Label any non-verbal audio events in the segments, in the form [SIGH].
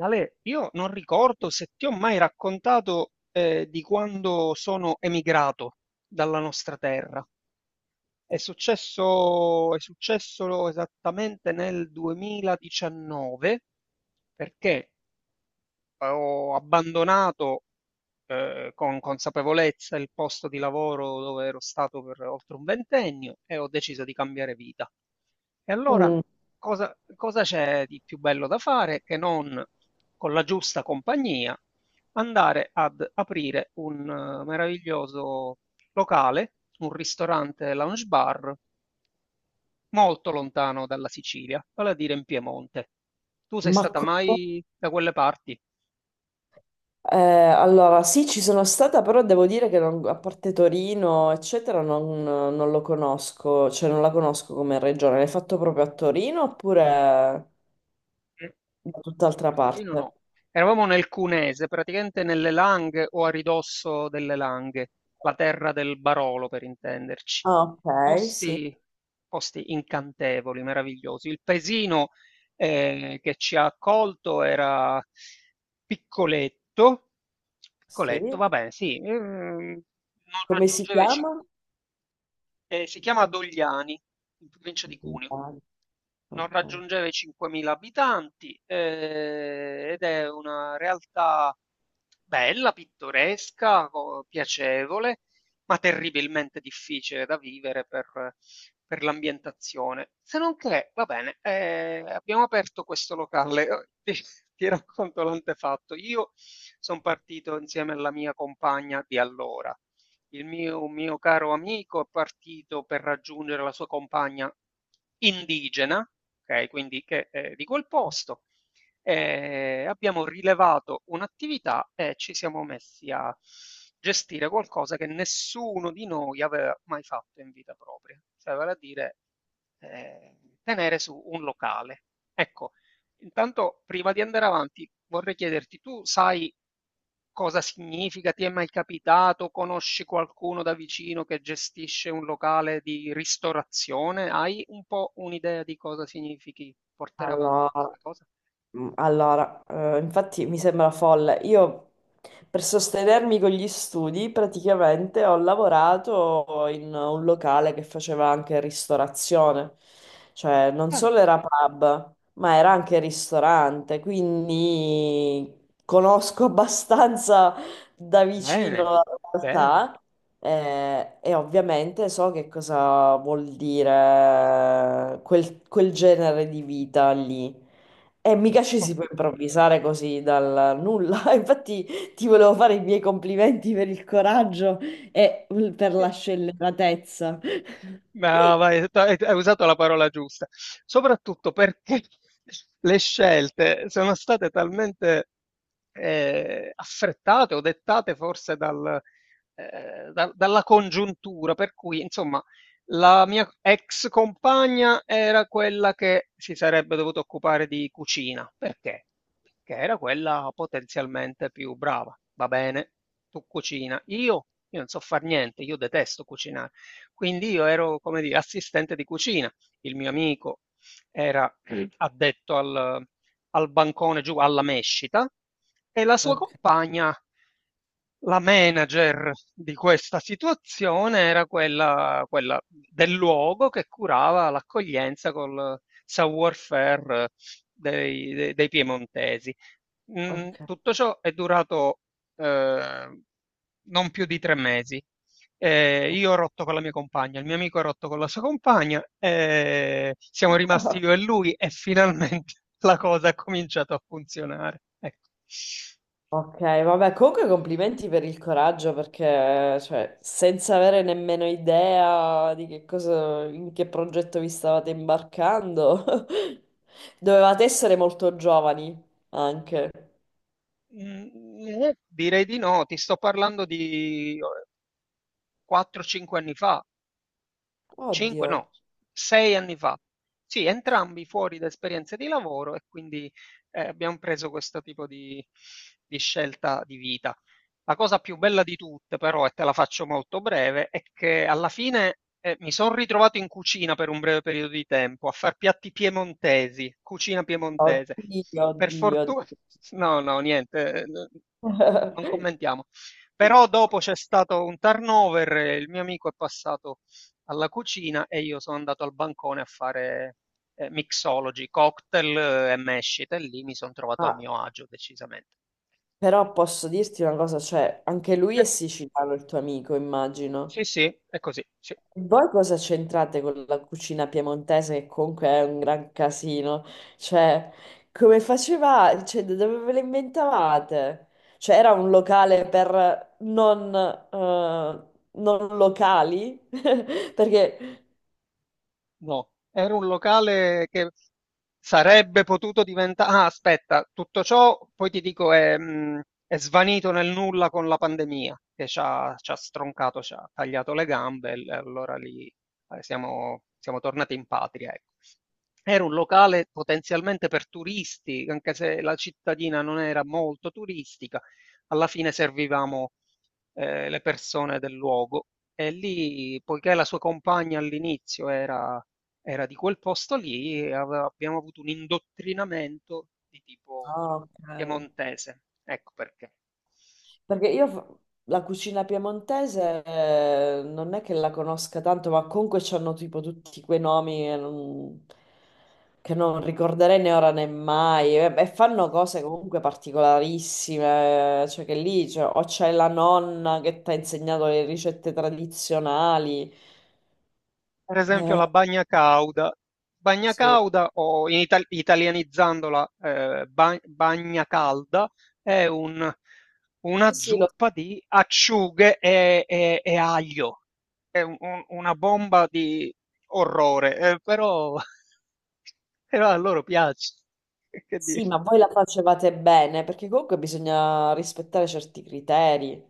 Ale, io non ricordo se ti ho mai raccontato di quando sono emigrato dalla nostra terra. È successo esattamente nel 2019 perché ho abbandonato con consapevolezza il posto di lavoro dove ero stato per oltre un ventennio e ho deciso di cambiare vita. E allora Mm, cosa c'è di più bello da fare che non con la giusta compagnia andare ad aprire un meraviglioso locale, un ristorante lounge bar molto lontano dalla Sicilia, vale a dire in Piemonte. Tu sei ma stata co- mai da quelle parti? Allora sì, ci sono stata, però devo dire che a parte Torino, eccetera, non lo conosco, cioè non la conosco come regione. L'hai fatto proprio a Torino oppure da tutt'altra Proprio Torino parte? no. Eravamo nel Cunese, praticamente nelle Langhe o a ridosso delle Langhe, la terra del Barolo per intenderci. Ah, ok, sì, Posti, posti incantevoli, meravigliosi. Il paesino che ci ha accolto era piccoletto, piccoletto, sì. va bene, sì, non Come si raggiungeva i 5, chiama? si chiama Dogliani, in provincia di Cuneo. Non Ok. raggiungeva i 5.000 abitanti, ed è una realtà bella, pittoresca, co piacevole, ma terribilmente difficile da vivere per l'ambientazione. Se non che, va bene, abbiamo aperto questo locale. [LAUGHS] Oh, ti racconto l'antefatto. Io son partito insieme alla mia compagna di allora un mio caro amico è partito per raggiungere la sua compagna indigena, ok, quindi che è di quel posto. Abbiamo rilevato un'attività e ci siamo messi a gestire qualcosa che nessuno di noi aveva mai fatto in vita propria, cioè vale a dire tenere su un locale. Ecco, intanto, prima di andare avanti, vorrei chiederti, tu sai cosa significa? Ti è mai capitato? Conosci qualcuno da vicino che gestisce un locale di ristorazione? Hai un po' un'idea di cosa significhi portare avanti Allora. questa cosa? Allora, infatti mi sembra folle. Io per sostenermi con gli studi praticamente ho lavorato in un locale che faceva anche ristorazione, cioè non Mm, solo era pub, ma era anche ristorante, quindi conosco [LAUGHS] abbastanza da vicino bene, la bene. realtà. E ovviamente so che cosa vuol dire quel genere di vita lì. E mica ci si può improvvisare così dal nulla. [LAUGHS] Infatti ti volevo fare i miei complimenti per il coraggio e per la scelleratezza. No, vai, hai usato la parola giusta, soprattutto perché [LAUGHS] le scelte sono state talmente affrettate o dettate forse dalla congiuntura, per cui insomma la mia ex compagna era quella che si sarebbe dovuta occupare di cucina, perché? Perché era quella potenzialmente più brava, va bene, tu cucina, io non so far niente, io detesto cucinare quindi io ero, come dire, assistente di cucina. Il mio amico era addetto al bancone giù alla mescita e la sua Ok, compagna, la manager di questa situazione, era quella del luogo che curava l'accoglienza col savoir-faire dei piemontesi. Ok. Tutto ciò è durato eh, non più di 3 mesi. Io ho rotto con la mia compagna, il mio amico ha rotto con la sua compagna, siamo rimasti io e lui e finalmente [LAUGHS] la cosa ha cominciato a funzionare. Ecco. Ok, vabbè, comunque complimenti per il coraggio perché, cioè, senza avere nemmeno idea di che cosa, in che progetto vi stavate imbarcando, [LAUGHS] dovevate essere molto giovani anche. Direi di no, ti sto parlando di 4-5 anni fa. 5 Oddio, no, 6 anni fa. Sì, entrambi fuori da esperienze di lavoro e quindi abbiamo preso questo tipo di scelta di vita. La cosa più bella di tutte, però, e te la faccio molto breve, è che alla fine mi sono ritrovato in cucina per un breve periodo di tempo a far piatti piemontesi, cucina piemontese. oddio, Per oddio. fortuna, [LAUGHS] no, no, niente, non [LAUGHS] commentiamo. Però dopo c'è stato un turnover, e il mio amico è passato alla cucina e io sono andato al bancone a fare mixology, cocktail e mescite, e lì mi sono trovato a Ma mio agio decisamente. però posso dirti una cosa, cioè, anche lui Eh, è siciliano, il tuo amico, immagino. sì, sì, è così, sì. E voi cosa c'entrate con la cucina piemontese, che comunque è un gran casino? Cioè, come facevate? Cioè, da dove ve le inventavate? Cioè, era un locale per non, non locali? [LAUGHS] Perché... No, era un locale che sarebbe potuto diventare... Ah, aspetta, tutto ciò poi ti dico è svanito nel nulla con la pandemia che ci ha stroncato, ci ha tagliato le gambe e allora lì siamo tornati in patria. Ecco. Era un locale potenzialmente per turisti, anche se la cittadina non era molto turistica, alla fine servivamo le persone del luogo e lì, poiché la sua compagna all'inizio era di quel posto lì, abbiamo avuto un indottrinamento di tipo Ah, ok. piemontese. Ecco perché. Perché io fa- la cucina piemontese non è che la conosca tanto, ma comunque c'hanno tipo tutti quei nomi e non- che non, ricorderei né ora né mai. E fanno cose comunque particolarissime, cioè che lì cioè, o c'è la nonna che ti ha insegnato le ricette tradizionali. Per esempio Eh, la bagna cauda. Bagna sì, cauda, o in italianizzandola, bagna calda, è sì, una sì, zuppa di acciughe e aglio. È una bomba di orrore, però, [LAUGHS] però a loro piace. [LAUGHS] Che sì, dire? ma voi la facevate bene, perché comunque bisogna rispettare certi criteri.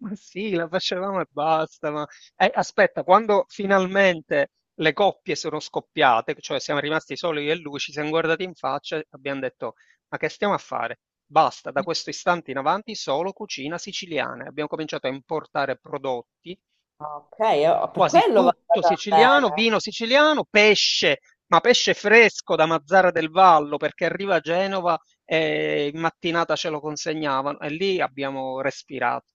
Ma sì, la facevamo e basta. Ma... Aspetta, quando finalmente le coppie sono scoppiate, cioè siamo rimasti soli io e lui, ci siamo guardati in faccia e abbiamo detto: Ma che stiamo a fare? Basta, da questo istante in avanti solo cucina siciliana. E abbiamo cominciato a importare prodotti, Ah, ok, per quasi quello va tutto andata siciliano, bene. vino siciliano, pesce, ma pesce fresco da Mazzara del Vallo, perché arriva a Genova e in mattinata ce lo consegnavano. E lì abbiamo respirato.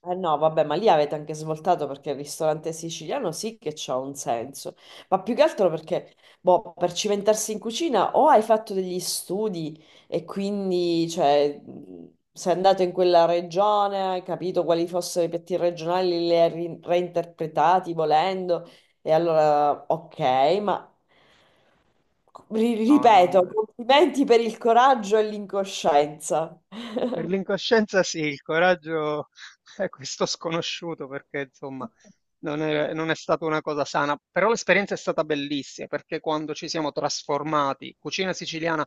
Eh no, vabbè, ma lì avete anche svoltato perché il ristorante siciliano sì che c'ha un senso, ma più che altro perché, boh, per cimentarsi in cucina o hai fatto degli studi e quindi, cioè, sei andato in quella regione, hai capito quali fossero i piatti regionali, li hai reinterpretati volendo, e allora, ok, ma No, ripeto, non... complimenti per il coraggio e l'incoscienza. Per l'incoscienza sì, il coraggio [LAUGHS] è questo sconosciuto perché insomma [LAUGHS] non è stata una cosa sana, però l'esperienza è stata bellissima perché quando ci siamo trasformati, cucina siciliana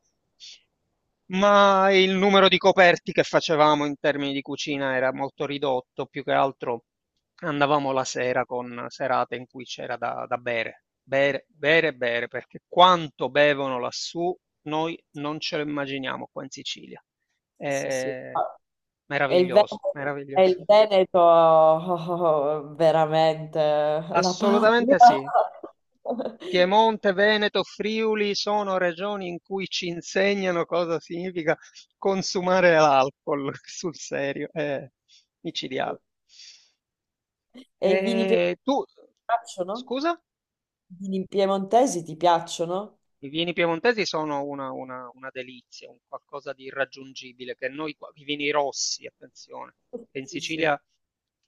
ma il numero di coperti che facevamo in termini di cucina era molto ridotto, più che altro andavamo la sera con serate in cui c'era da bere, bere, bere, bere, perché quanto bevono lassù noi non ce lo immaginiamo qua in Sicilia. Sì, sì, sì. È E il meraviglioso, Veneto, e meraviglioso. il Veneto, oh, oh, oh, veramente la Assolutamente patria. sì. [LAUGHS] Piemonte, Veneto, Friuli sono regioni in cui ci insegnano cosa significa consumare l'alcol [LAUGHS] sul serio, è micidiale. E i ti E tu, piacciono? scusa? I vini piemontesi ti piacciono? I vini piemontesi sono una delizia, un qualcosa di irraggiungibile, che noi qua, i vini rossi, attenzione, Sì, che in sì, sì. Sicilia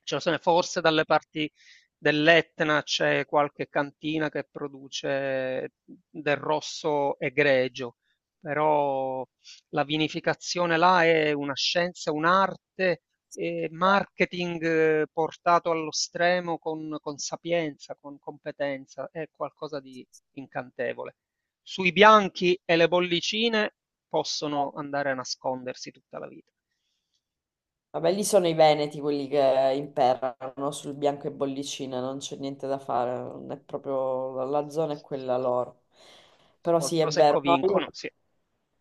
ce ne sono, forse dalle parti dell'Etna c'è qualche cantina che produce del rosso egregio, però la vinificazione là è una scienza, un'arte, marketing portato allo stremo con sapienza, con competenza, è qualcosa di incantevole. Sui bianchi e le bollicine possono andare a nascondersi tutta la vita. Vabbè, lì sono i veneti quelli che imperano sul bianco e bollicina, non c'è niente da fare, non è proprio la Sì, sì, zona è sì, quella loro. sì. Però Col sì, è vero, prosecco no, io... vincono, sì.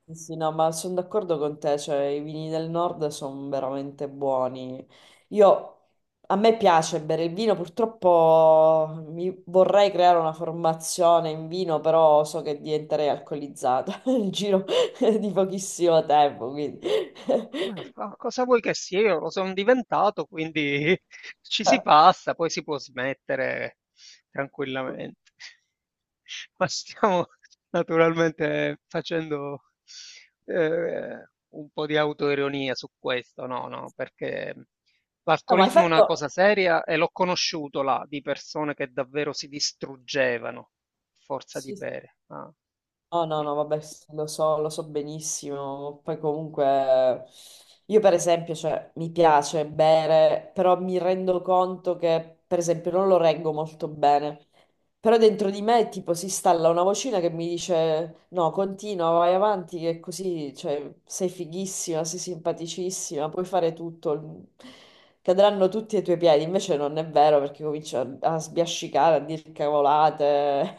Sì, sì, no, ma sono d'accordo con te, cioè i vini del nord sono veramente buoni. Io, a me piace bere il vino, purtroppo mi vorrei creare una formazione in vino, però so che diventerei alcolizzata [LAUGHS] nel giro di pochissimo tempo, quindi... [LAUGHS] Ma cosa vuoi che sia? Io lo sono diventato, quindi [LAUGHS] ci si passa, poi si può smettere tranquillamente. [LAUGHS] Ma stiamo naturalmente facendo un po' di autoironia su questo, no, no, perché No, ma hai l'alcolismo è una fatto... cosa seria e l'ho conosciuto là di persone che davvero si distruggevano a forza di Sì, sì. bere. No, no, no, vabbè, sì, lo so benissimo. Poi comunque, io per esempio, cioè, mi piace bere, però mi rendo conto che, per esempio, non lo reggo molto bene. Però dentro di me, tipo, si installa una vocina che mi dice: No, continua, vai avanti, che così, cioè, sei fighissima, sei simpaticissima, puoi fare tutto. Cadranno tutti ai tuoi piedi. Invece non è vero perché comincio a sbiascicare, a dire cavolate,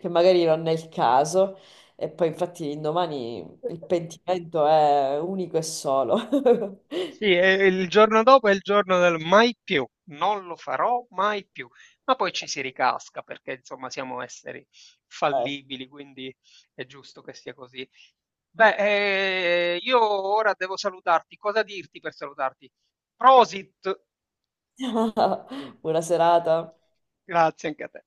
[LAUGHS] che magari non è il caso. E poi, infatti, l'indomani il pentimento è unico e solo. [LAUGHS] Sì, e il giorno dopo è il giorno del mai più, non lo farò mai più, ma poi ci si ricasca perché insomma siamo esseri Ciao. fallibili, quindi è giusto che sia così. Beh, io ora devo salutarti, cosa dirti per salutarti? Prosit, [LAUGHS] Buona serata. grazie anche a te.